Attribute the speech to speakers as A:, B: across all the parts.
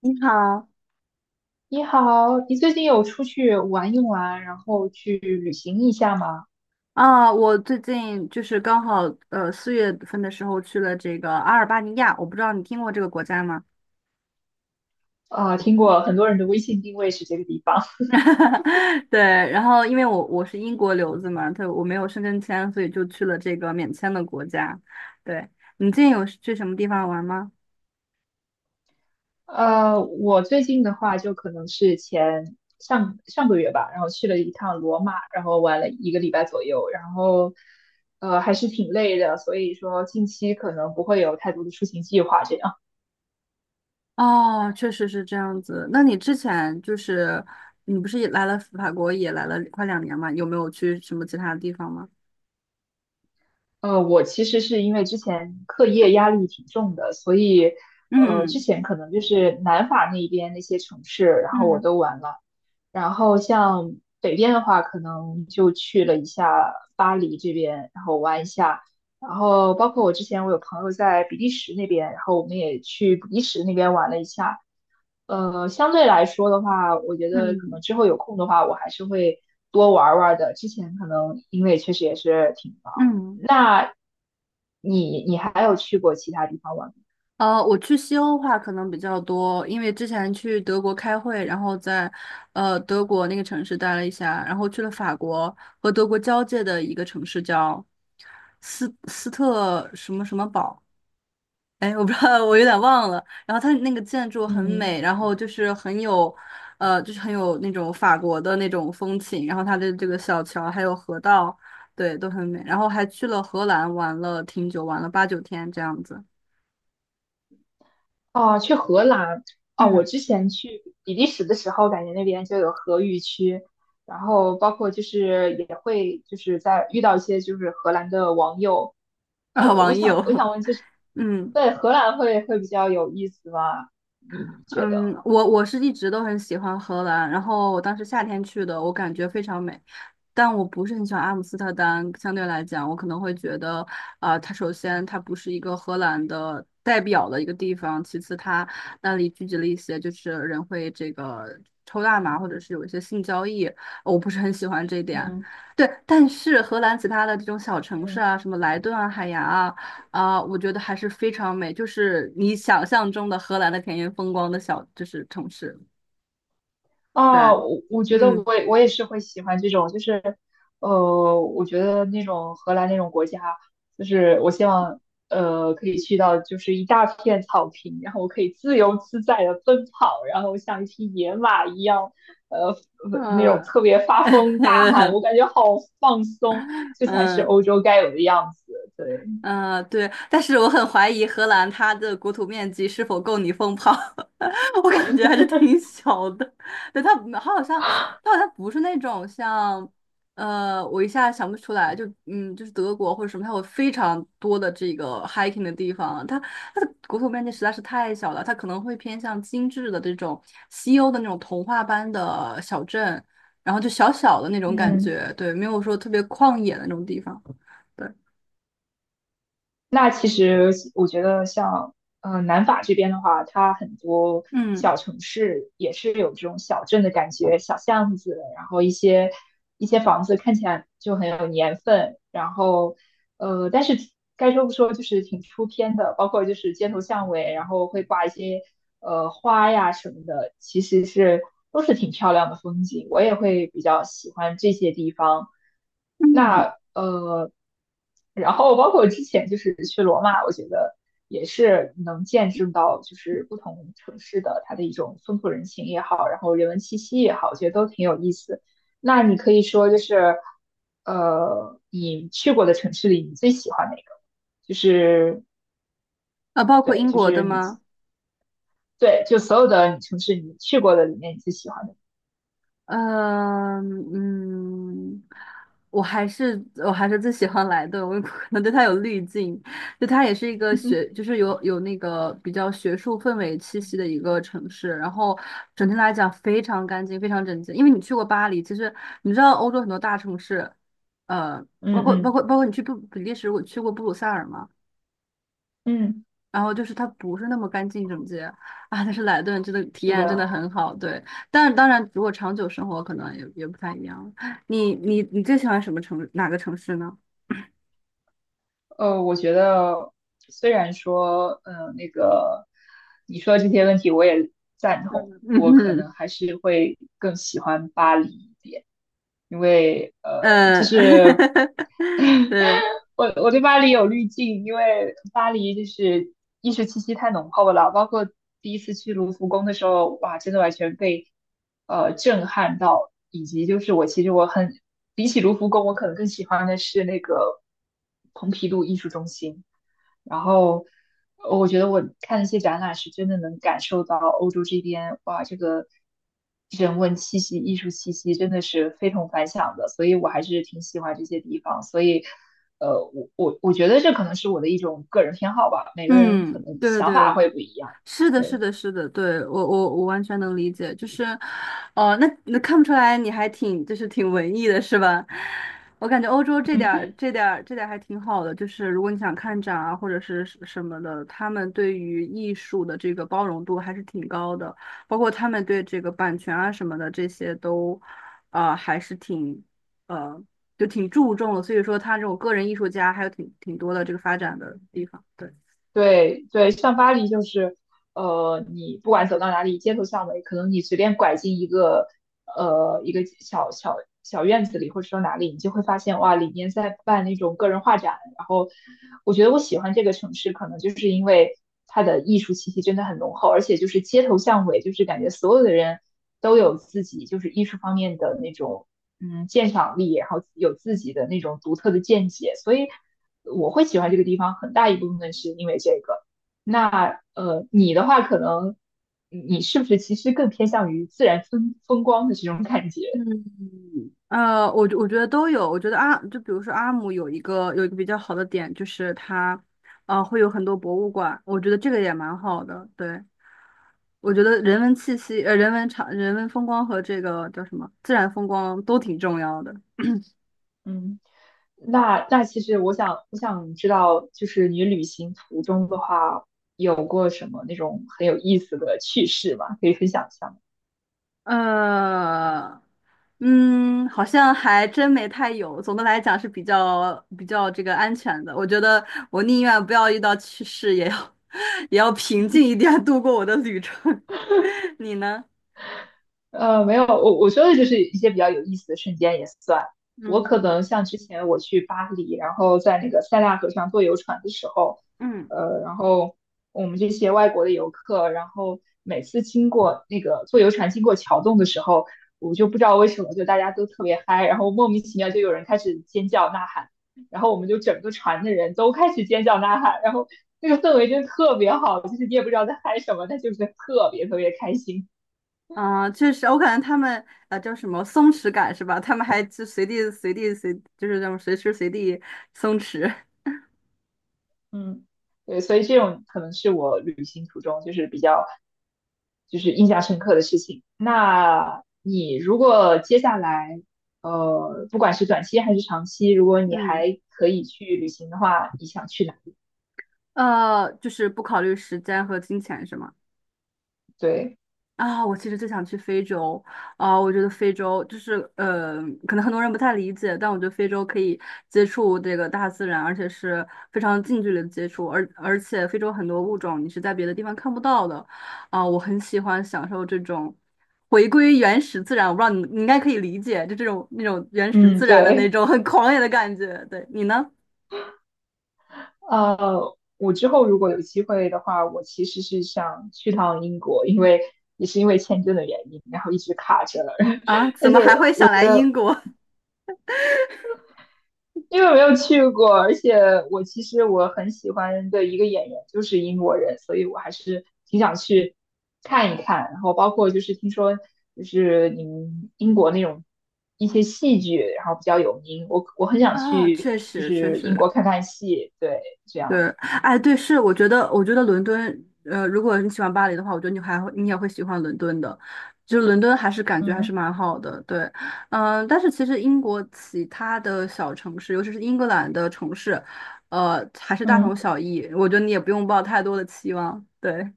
A: 你好
B: 你好，你最近有出去玩一玩，然后去旅行一下吗？
A: 啊，我最近就是刚好四月份的时候去了这个阿尔巴尼亚，我不知道你听过这个国家吗？
B: 啊、听过很多人的微信定位是这个地方。
A: 对，然后因为我是英国留子嘛，他我没有申根签，所以就去了这个免签的国家。对，你最近有去什么地方玩吗？
B: 我最近的话，就可能是前上上个月吧，然后去了一趟罗马，然后玩了一个礼拜左右，然后还是挺累的，所以说近期可能不会有太多的出行计划这样。
A: 哦，确实是这样子。那你之前就是你不是也来了法国，也来了快两年嘛？有没有去什么其他的地方吗？
B: 我其实是因为之前课业压力挺重的，所以之
A: 嗯
B: 前可能就是南法那边那些城市，然后我
A: 嗯
B: 都玩了。然后像北边的话，可能就去了一下巴黎这边，然后玩一下。然后包括我之前有朋友在比利时那边，然后我们也去比利时那边玩了一下。相对来说的话，我觉得可能
A: 嗯
B: 之后有空的话，我还是会多玩玩的。之前可能因为确实也是挺
A: 嗯
B: 忙。
A: 嗯。
B: 那你还有去过其他地方玩吗？
A: 我去西欧的话可能比较多，因为之前去德国开会，然后在德国那个城市待了一下，然后去了法国和德国交界的一个城市叫斯特什么什么堡，哎，我不知道，我有点忘了。然后它那个建筑很
B: 嗯。
A: 美，然后就是很有，就是很有那种法国的那种风情，然后它的这个小桥还有河道，对，都很美。然后还去了荷兰玩了挺久，玩了八九天这样子。
B: 哦，去荷兰。哦，我
A: 嗯，
B: 之前去比利时的时候，感觉那边就有荷语区，然后包括就是也会就是在遇到一些就是荷兰的网友，
A: 啊，
B: 我
A: 网
B: 想我
A: 友。
B: 想问就是，
A: 嗯
B: 对荷兰会比较有意思吗？你你觉得？
A: 嗯，我是一直都很喜欢荷兰，然后我当时夏天去的，我感觉非常美，但我不是很喜欢阿姆斯特丹。相对来讲，我可能会觉得，啊、它首先它不是一个荷兰的代表的一个地方，其次它那里聚集了一些就是人会这个抽大麻或者是有一些性交易，我不是很喜欢这一点。
B: 嗯
A: 对，但是荷兰其他的这种小城市
B: 嗯。
A: 啊，什么莱顿啊、海牙啊。啊，我觉得还是非常美，就是你想象中的荷兰的田园风光的小，就是城市。对，
B: 啊，我觉得
A: 嗯，
B: 我也是会喜欢这种，就是，我觉得那种荷兰那种国家，就是我希望，可以去到就是一大片草坪，然后我可以自由自在的奔跑，然后像一匹野马一样，那种
A: 呃，
B: 特别 发疯大喊，我感觉好放松，这才是
A: 嗯。
B: 欧洲该有的样子，对。
A: 嗯，对，但是我很怀疑荷兰它的国土面积是否够你疯跑，我感觉还是挺 小的。对，它好像它好像不是那种像，我一下想不出来，就嗯，就是德国或者什么，它有非常多的这个 hiking 的地方，它它的国土面积实在是太小了，它可能会偏向精致的这种西欧的那种童话般的小镇，然后就小小的那种感
B: 嗯。
A: 觉，对，没有说特别旷野的那种地方，对，
B: 那其实我觉得像，南法这边的话，它很多
A: 嗯。
B: 小城市也是有这种小镇的感觉，小巷子，然后一些房子看起来就很有年份，然后，但是该说不说，就是挺出片的，包括就是街头巷尾，然后会挂一些花呀什么的，其实是都是挺漂亮的风景，我也会比较喜欢这些地方。
A: 嗯，
B: 那然后包括之前就是去罗马，我觉得也是能见证到，就是不同城市的它的一种风土人情也好，然后人文气息也好，我觉得都挺有意思。那你可以说就是，你去过的城市里，你最喜欢哪个？就是
A: 啊，包括
B: 对，
A: 英
B: 就
A: 国的
B: 是你
A: 吗？
B: 对，就所有的城市你去过的里面，你最喜欢的。
A: 呃，嗯，我还是我还是最喜欢莱顿，我可能对它有滤镜，就它也是一个学，就 是有那个比较学术氛围气息的一个城市，然后整体来讲非常干净，非常整洁。因为你去过巴黎，其实你知道欧洲很多大城市，呃，包
B: 嗯
A: 括包
B: 嗯
A: 括包括你去布比利时，我去过布鲁塞尔吗？
B: 嗯，
A: 然后就是它不是那么干净整洁啊，但是莱顿真的体
B: 是
A: 验真的
B: 的。
A: 很好，对。但当然，如果长久生活，可能也不太一样。你最喜欢什么城哪个城市呢？
B: 我觉得虽然说，嗯、那个你说的这些问题我也赞同，
A: 嗯
B: 我可
A: 嗯
B: 能还是会更喜欢巴黎一点，因为
A: 嗯，
B: 就是。
A: 对，
B: 我对巴黎有滤镜，因为巴黎就是艺术气息太浓厚了，包括第一次去卢浮宫的时候，哇，真的完全被震撼到，以及就是我其实很比起卢浮宫，我可能更喜欢的是那个蓬皮杜艺术中心。然后我觉得我看那些展览是真的能感受到欧洲这边，哇，这个人文气息、艺术气息真的是非同凡响的，所以我还是挺喜欢这些地方。所以，我觉得这可能是我的一种个人偏好吧，每个人可
A: 嗯，
B: 能
A: 对对
B: 想法
A: 对，
B: 会不一样。
A: 是的，是
B: 对。
A: 的，是的，对，我完全能理解，就是，哦，那那看不出来你还挺就是挺文艺的是吧？我感觉欧洲这点儿还挺好的，就是如果你想看展啊或者是什么的，他们对于艺术的这个包容度还是挺高的，包括他们对这个版权啊什么的这些都，啊，还是挺呃就挺注重的，所以说他这种个人艺术家还有挺多的这个发展的地方，对。
B: 对对，像巴黎就是，你不管走到哪里，街头巷尾，可能你随便拐进一个，一个小小院子里，或者说哪里，你就会发现，哇，里面在办那种个人画展。然后，我觉得我喜欢这个城市，可能就是因为它的艺术气息真的很浓厚，而且就是街头巷尾，就是感觉所有的人都有自己就是艺术方面的那种，嗯，鉴赏力，然后有自己的那种独特的见解，所以。我会喜欢这个地方，很大一部分是因为这个。那你的话可能你是不是其实更偏向于自然风光的这种感觉？
A: 嗯。我我觉得都有。我觉得阿就比如说阿姆有一个比较好的点，就是它，会有很多博物馆。我觉得这个也蛮好的。对，我觉得人文气息、人文场、人文风光和这个叫什么自然风光都挺重要的。
B: 嗯，那那其实我想知道，就是你旅行途中的话，有过什么那种很有意思的趣事吗？可以分享一下吗？
A: 呃，嗯，好像还真没太有。总的来讲是比较这个安全的。我觉得我宁愿不要遇到趣事，也要 也要平静一点度过我的旅程。你呢？
B: 没有，我说的就是一些比较有意思的瞬间也算。我可
A: 嗯。
B: 能像之前我去巴黎，然后在那个塞纳河上坐游船的时候，
A: 嗯，
B: 然后我们这些外国的游客，然后每次经过那个坐游船经过桥洞的时候，我就不知道为什么就大家都特别嗨，然后莫名其妙就有人开始尖叫呐喊，然后我们就整个船的人都开始尖叫呐喊，然后那个氛围真的特别好，就是你也不知道在嗨什么，但就是特别特别开心。
A: 啊、确实，我感觉他们叫什么松弛感是吧？他们还就随地随地随，就是这种随时随地松弛。
B: 嗯，对，所以这种可能是我旅行途中就是比较就是印象深刻的事情。那你如果接下来，不管是短期还是长期，如果你
A: 嗯，
B: 还可以去旅行的话，你想去哪里？
A: 就是不考虑时间和金钱是吗？
B: 对，
A: 啊，我其实就想去非洲啊，我觉得非洲就是，可能很多人不太理解，但我觉得非洲可以接触这个大自然，而且是非常近距离的接触，而且非洲很多物种你是在别的地方看不到的，啊，我很喜欢享受这种回归原始自然，我不知道你应该可以理解，就这种那种原始
B: 嗯，
A: 自然的那
B: 对，
A: 种很狂野的感觉，对，你呢？
B: 我之后如果有机会的话，我其实是想去趟英国，因为也是因为签证的原因，然后一直卡着了。
A: 啊，怎
B: 但
A: 么
B: 是
A: 还会
B: 我
A: 想
B: 觉
A: 来
B: 得。
A: 英国？
B: 因为没有去过，而且我其实很喜欢的一个演员就是英国人，所以我还是挺想去看一看。然后包括就是听说就是你们英国那种一些戏剧，然后比较有名，我很 想
A: 啊，
B: 去
A: 确
B: 就
A: 实确
B: 是英
A: 实，
B: 国看看戏，对，这
A: 对，
B: 样，
A: 哎，对，是，我觉得伦敦，如果你喜欢巴黎的话，我觉得你也会喜欢伦敦的，就是伦敦还是感觉还是
B: 嗯
A: 蛮好的，对，嗯、但是其实英国其他的小城市，尤其是英格兰的城市，还是大同
B: 嗯，
A: 小异，我觉得你也不用抱太多的期望，对，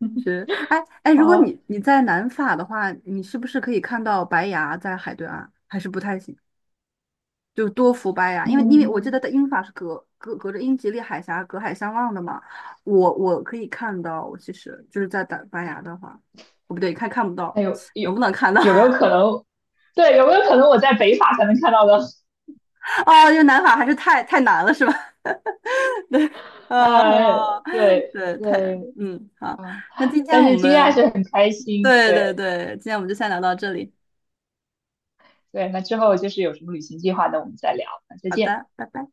A: 是，哎,如果
B: 好，
A: 你你在南法的话，你是不是可以看到白崖在海对岸，还是不太行？就多福白牙，因为我记
B: 嗯，
A: 得的英法是隔着英吉利海峡隔海相望的嘛，我我可以看到，我其实就是在打白牙的话，哦不对，看不到。
B: 那有
A: 能不能看到？
B: 有没有可能？对，有没有可能我在北法才能看到的？
A: 哦，因为南法还是太难了，是吧？对，呃，
B: 呃，对
A: 对，太，
B: 对。
A: 嗯，好，
B: 啊
A: 那今天
B: 但
A: 我
B: 是今天还是
A: 们，
B: 很开心。
A: 对对
B: 对
A: 对，今天我们就先聊到这里，
B: 对，那之后就是有什么旅行计划那我们再聊。那再
A: 好
B: 见。
A: 的，拜拜。